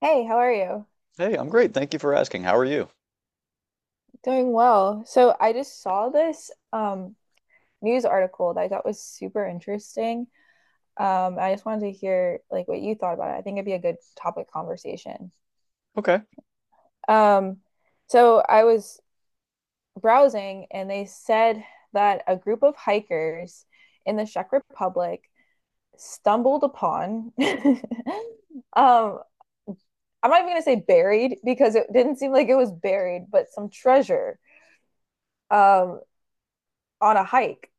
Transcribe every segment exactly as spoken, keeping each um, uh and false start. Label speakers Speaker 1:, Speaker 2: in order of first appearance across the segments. Speaker 1: Hey, how are you?
Speaker 2: Hey, I'm great. Thank you for asking. How are you?
Speaker 1: Doing well. So I just saw this um news article that I thought was super interesting. Um, I just wanted to hear like what you thought about it. I think it'd be a good topic conversation.
Speaker 2: Okay.
Speaker 1: Um, so I was browsing and they said that a group of hikers in the Czech Republic stumbled upon um I'm not even gonna say buried because it didn't seem like it was buried, but some treasure um on a hike.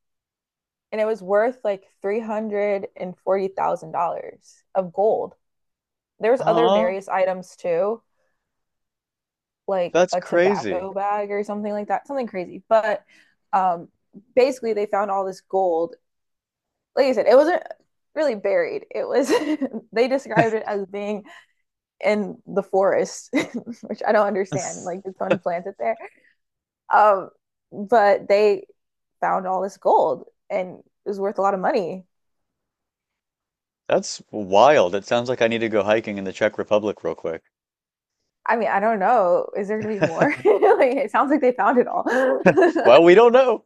Speaker 1: And it was worth like three hundred forty thousand dollars of gold. There was other
Speaker 2: Aw,
Speaker 1: various items too, like
Speaker 2: that's
Speaker 1: a
Speaker 2: crazy.
Speaker 1: tobacco bag or something like that, something crazy. But um, basically, they found all this gold. Like I said, it wasn't really buried. It was, they described it as being in the forest, which I don't understand. Like, did someone plant it there? Um, but they found all this gold and it was worth a lot of money.
Speaker 2: That's wild. It sounds like I need to go hiking in the Czech Republic real quick.
Speaker 1: I mean, I don't know. Is there gonna be more? Like it sounds like they found it all.
Speaker 2: Well, we don't know.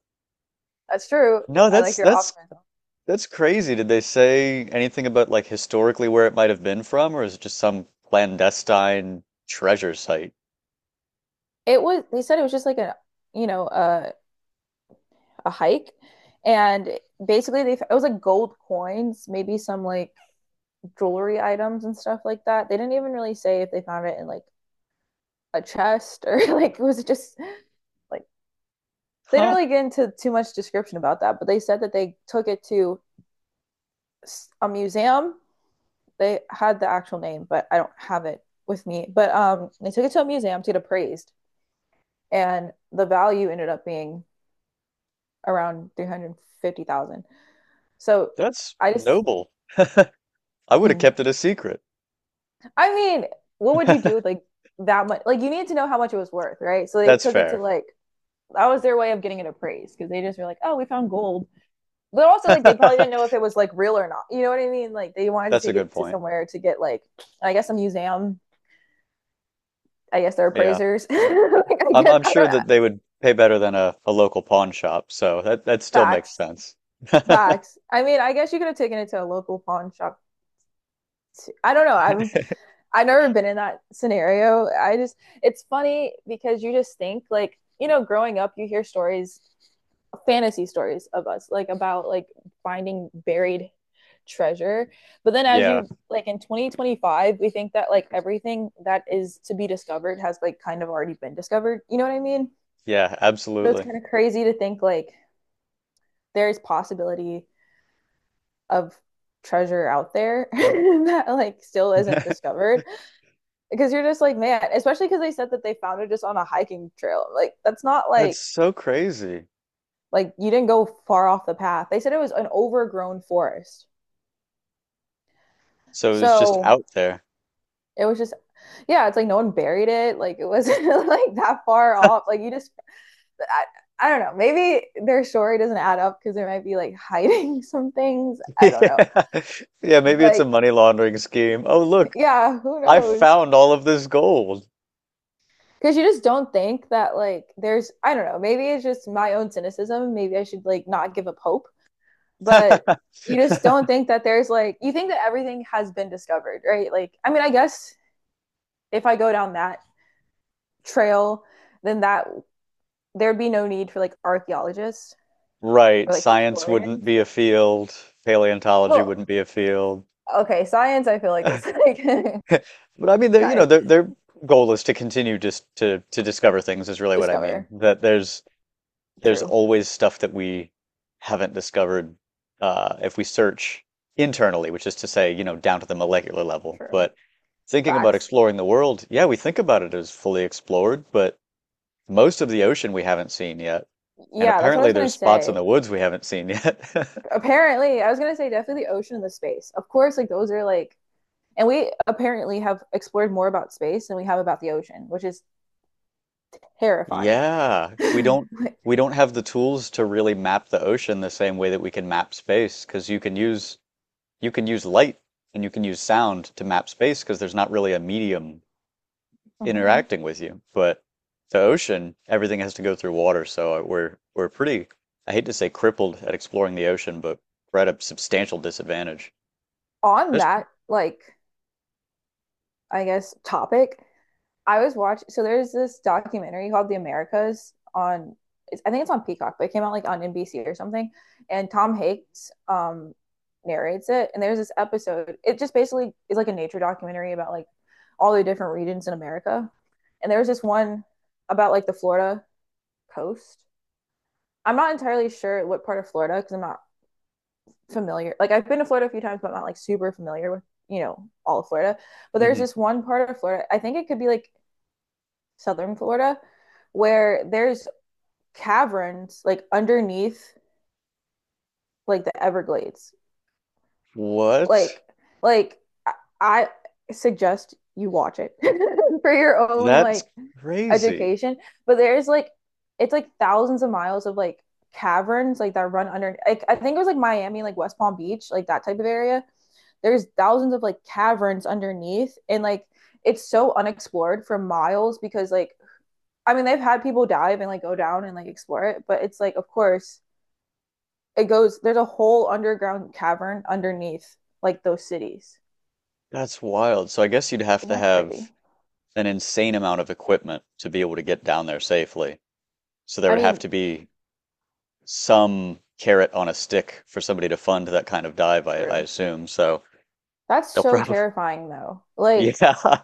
Speaker 1: That's true.
Speaker 2: No,
Speaker 1: I
Speaker 2: that's
Speaker 1: like your
Speaker 2: that's
Speaker 1: optimism.
Speaker 2: that's crazy. Did they say anything about like historically where it might have been from, or is it just some clandestine treasure site?
Speaker 1: It was they said it was just like a you know a a hike, and basically they it was like gold coins, maybe some like jewelry items and stuff like that. They didn't even really say if they found it in like a chest or like was it just like they didn't
Speaker 2: Huh,
Speaker 1: really get into too much description about that, but they said that they took it to a museum. They had the actual name, but I don't have it with me. But um, they took it to a museum to get appraised, and the value ended up being around three hundred fifty thousand dollars. So
Speaker 2: that's
Speaker 1: I just,
Speaker 2: noble. I would have kept it a secret.
Speaker 1: I mean, what would you do with like that much? Like you need to know how much it was worth, right? So they
Speaker 2: That's
Speaker 1: took it to
Speaker 2: fair.
Speaker 1: like that was their way of getting it appraised because they just were like, oh, we found gold. But also, like, they probably didn't know if
Speaker 2: That's
Speaker 1: it was like real or not. You know what I mean? Like, they wanted to
Speaker 2: a
Speaker 1: take
Speaker 2: good
Speaker 1: it to
Speaker 2: point.
Speaker 1: somewhere to get like, I guess, a museum. I guess they're
Speaker 2: Yeah.
Speaker 1: appraisers. like, I
Speaker 2: I'm
Speaker 1: guess
Speaker 2: I'm
Speaker 1: I
Speaker 2: sure
Speaker 1: don't.
Speaker 2: that they would pay better than a, a local pawn shop, so that that still makes
Speaker 1: Facts.
Speaker 2: sense.
Speaker 1: Facts. I mean, I guess you could have taken it to a local pawn shop too. I don't know. I'm I've never been in that scenario. I just it's funny because you just think like, you know, growing up you hear stories, fantasy stories of us, like about like finding buried treasure. But then as
Speaker 2: Yeah,
Speaker 1: you like in twenty twenty-five, we think that like everything that is to be discovered has like kind of already been discovered. You know what I mean?
Speaker 2: yeah,
Speaker 1: So it's
Speaker 2: absolutely.
Speaker 1: kind of crazy to think like there's possibility of treasure out there that like still isn't
Speaker 2: That's
Speaker 1: discovered because you're just like man, especially because they said that they found it just on a hiking trail. Like that's not like
Speaker 2: so crazy.
Speaker 1: like you didn't go far off the path. They said it was an overgrown forest,
Speaker 2: So it was just
Speaker 1: so
Speaker 2: out there.
Speaker 1: it was just yeah, it's like no one buried it. Like it wasn't like that far off. Like you just I, I don't know, maybe their story doesn't add up because they might be like hiding some things, I don't know.
Speaker 2: Yeah. Yeah, maybe it's a
Speaker 1: But
Speaker 2: money laundering scheme. Oh, look,
Speaker 1: yeah, who
Speaker 2: I
Speaker 1: knows,
Speaker 2: found all of this gold.
Speaker 1: because you just don't think that like there's I don't know, maybe it's just my own cynicism, maybe I should like not give up hope. But you just don't think that there's like you think that everything has been discovered, right? Like I mean, I guess if I go down that trail then that there'd be no need for like archaeologists
Speaker 2: Right,
Speaker 1: or like
Speaker 2: science
Speaker 1: historians.
Speaker 2: wouldn't be a field, paleontology
Speaker 1: Well,
Speaker 2: wouldn't be a field.
Speaker 1: okay, science I feel like it's like
Speaker 2: But I mean, their you
Speaker 1: kind
Speaker 2: know,
Speaker 1: of
Speaker 2: their their goal is to continue just to to discover things is really what I mean.
Speaker 1: discover.
Speaker 2: That there's there's
Speaker 1: True.
Speaker 2: always stuff that we haven't discovered uh, if we search internally, which is to say, you know, down to the molecular level.
Speaker 1: True.
Speaker 2: But thinking about
Speaker 1: Facts.
Speaker 2: exploring the world, yeah, we think about it as fully explored, but most of the ocean we haven't seen yet. And
Speaker 1: Yeah, that's what I
Speaker 2: apparently
Speaker 1: was gonna
Speaker 2: there's spots in
Speaker 1: say.
Speaker 2: the woods we haven't seen yet.
Speaker 1: Apparently, I was gonna say definitely the ocean and the space. Of course, like those are like, and we apparently have explored more about space than we have about the ocean, which is terrifying.
Speaker 2: Yeah, we don't
Speaker 1: Like,
Speaker 2: we don't have the tools to really map the ocean the same way that we can map space, because you can use you can use light and you can use sound to map space because there's not really a medium
Speaker 1: mhm.
Speaker 2: interacting with you. But the ocean, everything has to go through water, so uh, we're we're pretty, I hate to say crippled at exploring the ocean, but we're at a substantial disadvantage.
Speaker 1: On
Speaker 2: That's,
Speaker 1: that, like, I guess topic, I was watching. So there's this documentary called The Americas on. It's, I think it's on Peacock, but it came out like on N B C or something. And Tom Hanks um, narrates it. And there's this episode. It just basically is like a nature documentary about like all the different regions in America. And there was this one about like the Florida coast. I'm not entirely sure what part of Florida because I'm not familiar. Like I've been to Florida a few times, but I'm not like super familiar with you know all of Florida. But there's
Speaker 2: mhm.
Speaker 1: this one part of Florida. I think it could be like southern Florida, where there's caverns like underneath like the Everglades.
Speaker 2: What?
Speaker 1: Like like I suggest you watch it for your own
Speaker 2: That's
Speaker 1: like
Speaker 2: crazy.
Speaker 1: education. But there's like it's like thousands of miles of like caverns like that run under like I think it was like Miami, like West Palm Beach, like that type of area. There's thousands of like caverns underneath and like it's so unexplored for miles because like I mean, they've had people dive and like go down and like explore it, but it's like, of course, it goes, there's a whole underground cavern underneath like those cities.
Speaker 2: That's wild. So I guess you'd have
Speaker 1: Isn't
Speaker 2: to
Speaker 1: that
Speaker 2: have
Speaker 1: crazy?
Speaker 2: an insane amount of equipment to be able to get down there safely. So there
Speaker 1: I
Speaker 2: would have
Speaker 1: mean,
Speaker 2: to be some carrot on a stick for somebody to fund that kind of dive, I, I
Speaker 1: true.
Speaker 2: assume. So
Speaker 1: That's
Speaker 2: they'll
Speaker 1: so
Speaker 2: probably,
Speaker 1: terrifying though.
Speaker 2: yeah,
Speaker 1: Like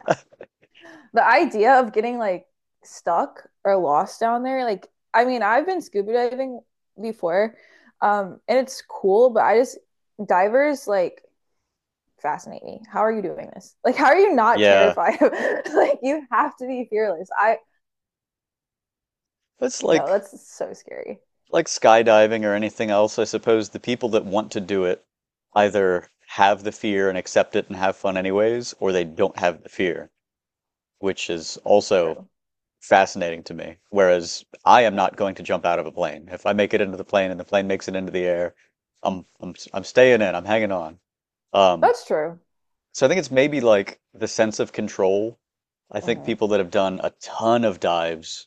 Speaker 1: the idea of getting like stuck or lost down there, like, I mean, I've been scuba diving before, um, and it's cool, but I just, divers like fascinate me. How are you doing this? Like, how are you not
Speaker 2: yeah.
Speaker 1: terrified? like, you have to be fearless. I,
Speaker 2: That's
Speaker 1: no,
Speaker 2: like
Speaker 1: that's so scary.
Speaker 2: like skydiving or anything else, I suppose the people that want to do it either have the fear and accept it and have fun anyways, or they don't have the fear, which is also
Speaker 1: True.
Speaker 2: fascinating to me. Whereas I am not going to jump out of a plane. If I make it into the plane and the plane makes it into the air, I'm I'm I'm staying in, I'm hanging on. Um,
Speaker 1: That's true.
Speaker 2: so I think it's maybe like the sense of control. I think
Speaker 1: Hmm.
Speaker 2: people that have done a ton of dives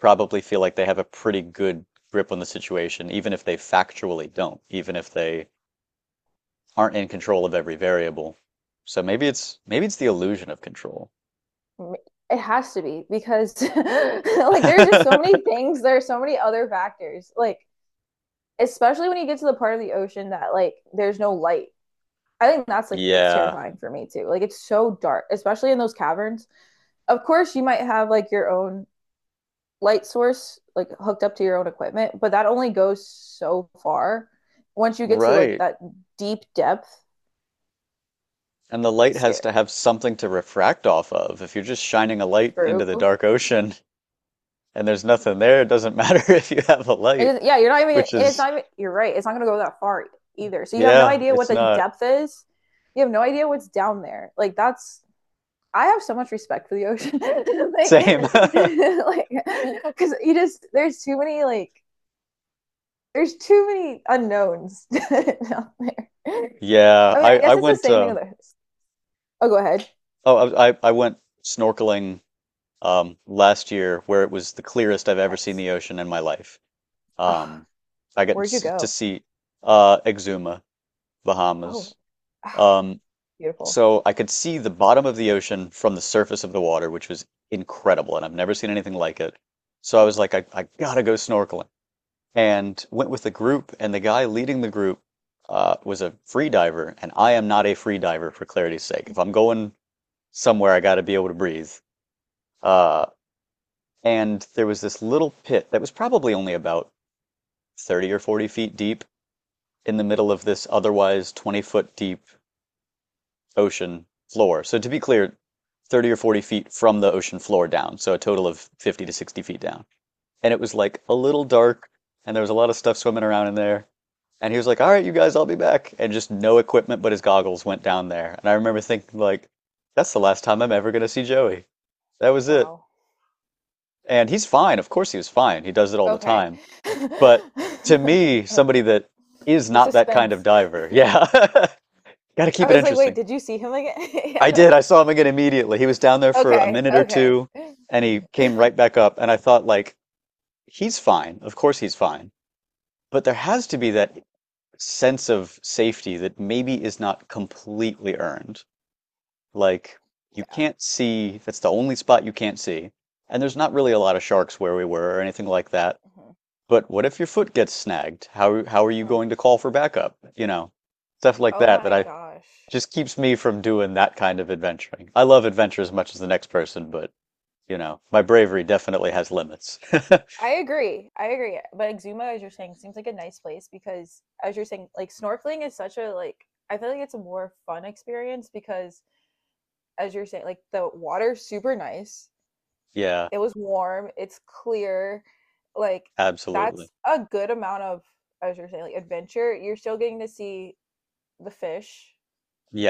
Speaker 2: probably feel like they have a pretty good grip on the situation, even if they factually don't, even if they aren't in control of every variable. So maybe it's maybe it's the illusion of control.
Speaker 1: It has to be because like there's just so many things. There are so many other factors. Like especially when you get to the part of the ocean that like there's no light. I think that's like what's
Speaker 2: Yeah,
Speaker 1: terrifying for me too. Like it's so dark, especially in those caverns. Of course, you might have like your own light source like hooked up to your own equipment, but that only goes so far. Once you get to like
Speaker 2: right.
Speaker 1: that deep depth,
Speaker 2: And the light has
Speaker 1: scary.
Speaker 2: to have something to refract off of. If you're just shining a light into the
Speaker 1: True.
Speaker 2: dark ocean and there's nothing there, it doesn't matter if you have a
Speaker 1: It
Speaker 2: light,
Speaker 1: is, yeah, you're not even, and
Speaker 2: which
Speaker 1: it's
Speaker 2: is,
Speaker 1: not even, you're right. It's not going to go that far either. So you have no
Speaker 2: yeah,
Speaker 1: idea what
Speaker 2: it's
Speaker 1: the
Speaker 2: not
Speaker 1: depth is. You have no idea what's down there. Like, that's, I have so much respect for the ocean. like,
Speaker 2: same.
Speaker 1: like, because you just, there's too many, like, there's too many unknowns down there.
Speaker 2: Yeah,
Speaker 1: I mean,
Speaker 2: I
Speaker 1: I
Speaker 2: I
Speaker 1: guess it's the
Speaker 2: went
Speaker 1: same thing
Speaker 2: uh
Speaker 1: with this. Oh, go ahead.
Speaker 2: oh I I I went snorkeling um, last year where it was the clearest I've ever seen
Speaker 1: Nice.
Speaker 2: the ocean in my life.
Speaker 1: Oh,
Speaker 2: Um, I got
Speaker 1: where'd you
Speaker 2: s- to
Speaker 1: go?
Speaker 2: see uh, Exuma, Bahamas.
Speaker 1: Oh, ah,
Speaker 2: Um,
Speaker 1: beautiful.
Speaker 2: so I could see the bottom of the ocean from the surface of the water, which was incredible, and I've never seen anything like it. So I was like, I, I gotta go snorkeling, and went with a group, and the guy leading the group uh, was a free diver, and I am not a free diver for clarity's sake. If I'm going somewhere, I gotta be able to breathe. Uh, And there was this little pit that was probably only about thirty or forty feet deep in the middle of this otherwise twenty foot deep ocean floor. So to be clear, thirty or forty feet from the ocean floor down. So a total of fifty to sixty feet down. And it was like a little dark and there was a lot of stuff swimming around in there. And he was like, all right, you guys, I'll be back. And just no equipment but his goggles went down there. And I remember thinking, like, that's the last time I'm ever going to see Joey. That was it.
Speaker 1: Wow.
Speaker 2: And he's fine. Of course he was fine. He does it all the
Speaker 1: Okay.
Speaker 2: time. But to me, somebody
Speaker 1: Okay.
Speaker 2: that is
Speaker 1: The
Speaker 2: not that kind of
Speaker 1: suspense.
Speaker 2: diver, yeah, got to
Speaker 1: I
Speaker 2: keep it
Speaker 1: was like, "Wait,
Speaker 2: interesting.
Speaker 1: did you see him again?" Yeah.
Speaker 2: I
Speaker 1: I
Speaker 2: did. I
Speaker 1: was-
Speaker 2: saw him again immediately. He was down there for a
Speaker 1: okay.
Speaker 2: minute or
Speaker 1: Okay.
Speaker 2: two and he came right back up. And I thought, like, he's fine. Of course he's fine. But there has to be that sense of safety that maybe is not completely earned. Like, you
Speaker 1: Yeah.
Speaker 2: can't see, that's the only spot you can't see. And there's not really a lot of sharks where we were or anything like that.
Speaker 1: Mhm,
Speaker 2: But what if your foot gets snagged? How how are you
Speaker 1: mm.
Speaker 2: going to call for backup? You know, stuff like
Speaker 1: Oh
Speaker 2: that that
Speaker 1: my
Speaker 2: I
Speaker 1: gosh.
Speaker 2: just keeps me from doing that kind of adventuring. I love adventure as much as the next person, but you know, my bravery definitely has limits.
Speaker 1: I agree. I agree. But Exuma, as you're saying, seems like a nice place because, as you're saying, like snorkeling is such a like. I feel like it's a more fun experience because, as you're saying, like the water's super nice.
Speaker 2: Yeah,
Speaker 1: It was warm. It's clear. Like
Speaker 2: absolutely.
Speaker 1: that's a good amount of, as you're saying, like adventure. You're still getting to see the fish,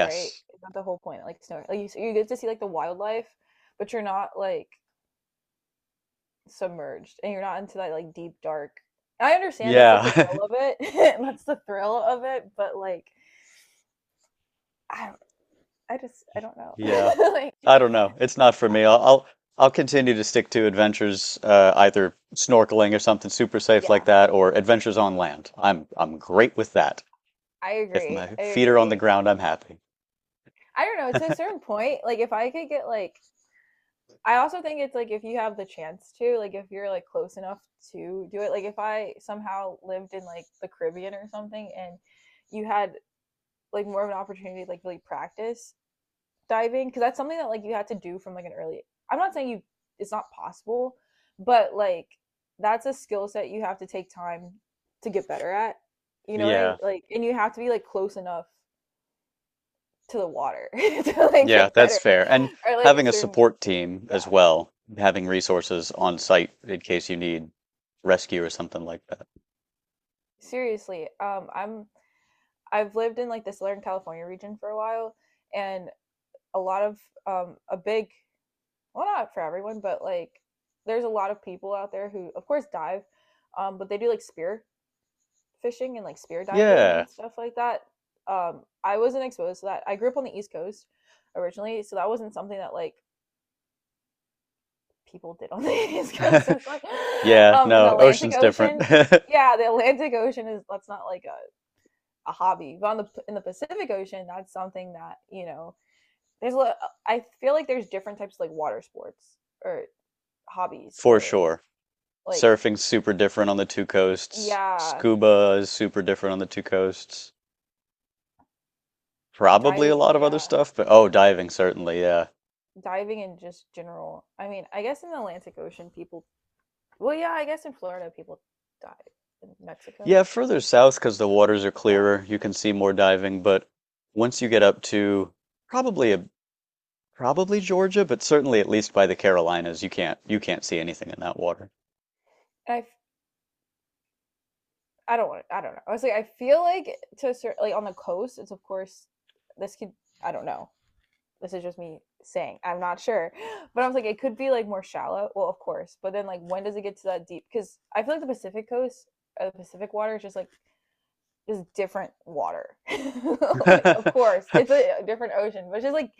Speaker 1: right? That's the whole point. Like snorkel, like you, you get to see like the wildlife, but you're not like submerged, and you're not into that like deep dark. I understand that's like the
Speaker 2: Yeah.
Speaker 1: thrill of it. that's the thrill of it, but like I don't, I just I don't know.
Speaker 2: Yeah.
Speaker 1: like
Speaker 2: I don't know. It's not for me. I'll I'll, I'll continue to stick to adventures, uh, either snorkeling or something super safe like
Speaker 1: yeah,
Speaker 2: that, or adventures on land. I'm I'm great with that.
Speaker 1: I
Speaker 2: If
Speaker 1: agree.
Speaker 2: my
Speaker 1: I
Speaker 2: feet are on the
Speaker 1: agree.
Speaker 2: ground, I'm happy.
Speaker 1: I don't know, to a certain point, like if I could get like I also think it's like if you have the chance to, like if you're like close enough to do it, like if I somehow lived in like the Caribbean or something and you had like more of an opportunity to like really practice diving, because that's something that like you had to do from like an early I'm not saying you it's not possible, but like that's a skill set you have to take time to get better at. You know what I mean?
Speaker 2: Yeah,
Speaker 1: Like and you have to be like close enough to the water to like
Speaker 2: yeah,
Speaker 1: get
Speaker 2: that's
Speaker 1: better
Speaker 2: fair. And
Speaker 1: or like a
Speaker 2: having a
Speaker 1: certain
Speaker 2: support team as
Speaker 1: yeah,
Speaker 2: well, having resources on site in case you need rescue or something like that.
Speaker 1: seriously, um I'm I've lived in like the Southern California region for a while, and a lot of um, a big well, not for everyone, but like there's a lot of people out there who, of course, dive, um, but they do like spear fishing and like spear diving
Speaker 2: Yeah.
Speaker 1: and stuff like that. Um, I wasn't exposed to that. I grew up on the East Coast originally, so that wasn't something that like people did on the East Coast. That's not
Speaker 2: Yeah,
Speaker 1: um, in the
Speaker 2: no,
Speaker 1: Atlantic
Speaker 2: ocean's different.
Speaker 1: Ocean. Yeah, the Atlantic Ocean is that's not like a, a hobby, but on the in the Pacific Ocean, that's something that you know there's a lot, I feel like there's different types of like water sports or hobbies
Speaker 2: For
Speaker 1: or
Speaker 2: sure.
Speaker 1: like
Speaker 2: Surfing's super different on the two coasts.
Speaker 1: yeah,
Speaker 2: Scuba is super different on the two coasts. Probably a
Speaker 1: diving,
Speaker 2: lot of other
Speaker 1: yeah,
Speaker 2: stuff, but oh, diving certainly, yeah.
Speaker 1: diving in just general. I mean, I guess in the Atlantic Ocean people well, yeah, I guess in Florida people dive. In
Speaker 2: Yeah,
Speaker 1: Mexico,
Speaker 2: further south because the waters are
Speaker 1: yeah.
Speaker 2: clearer, you can see more diving, but once you get up to probably a probably Georgia, but certainly at least by the Carolinas, you can't you can't see anything in that water.
Speaker 1: And I f- I don't want. To, I don't know. I was like, I feel like to a certain, like on the coast, it's of course this could. I don't know. This is just me saying I'm not sure, but I was like it could be like more shallow well of course, but then like when does it get to that deep because I feel like the Pacific coast uh, the Pacific water is just like just different water like of course it's a, different ocean, but it's just like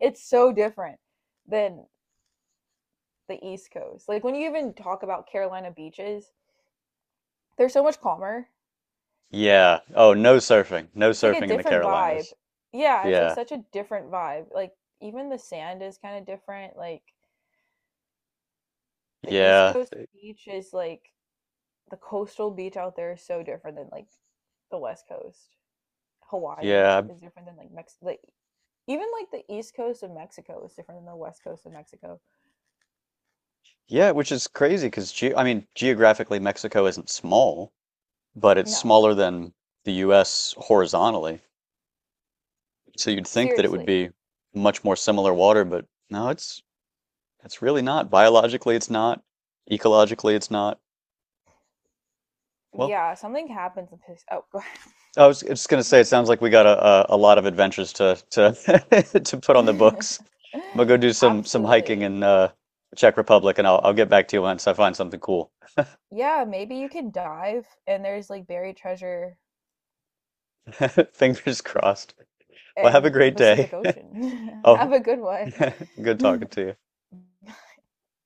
Speaker 1: it's so different than the East Coast. Like when you even talk about Carolina beaches, they're so much calmer.
Speaker 2: Yeah. Oh, no surfing. No
Speaker 1: It's like a
Speaker 2: surfing in the
Speaker 1: different vibe.
Speaker 2: Carolinas.
Speaker 1: Yeah, it's like
Speaker 2: Yeah.
Speaker 1: such a different vibe. Like even the sand is kind of different. Like the East
Speaker 2: Yeah.
Speaker 1: Coast beach is like the coastal beach out there is so different than like the West Coast. Hawaii
Speaker 2: Yeah.
Speaker 1: is different than like Mexico. Like, even like the East Coast of Mexico is different than the West Coast of Mexico.
Speaker 2: Yeah, which is crazy because ge I mean, geographically Mexico isn't small, but it's
Speaker 1: No,
Speaker 2: smaller than the U S horizontally. So you'd think that it would
Speaker 1: seriously.
Speaker 2: be much more similar water, but no, it's it's really not. Biologically, it's not. Ecologically, it's not. Well,
Speaker 1: Yeah, something happens in this. Oh, go
Speaker 2: I was just going to say, it sounds like we got a, a, a lot of adventures to to to put on the
Speaker 1: ahead.
Speaker 2: books. I'm gonna go do some some hiking
Speaker 1: Absolutely.
Speaker 2: in uh, Czech Republic, and I'll I'll get back to you once I find something cool.
Speaker 1: Yeah, maybe you could dive and there's like buried treasure
Speaker 2: Fingers crossed. Well, have a
Speaker 1: in the
Speaker 2: great
Speaker 1: Pacific
Speaker 2: day.
Speaker 1: Ocean.
Speaker 2: Oh,
Speaker 1: Have a good
Speaker 2: good
Speaker 1: one.
Speaker 2: talking to you.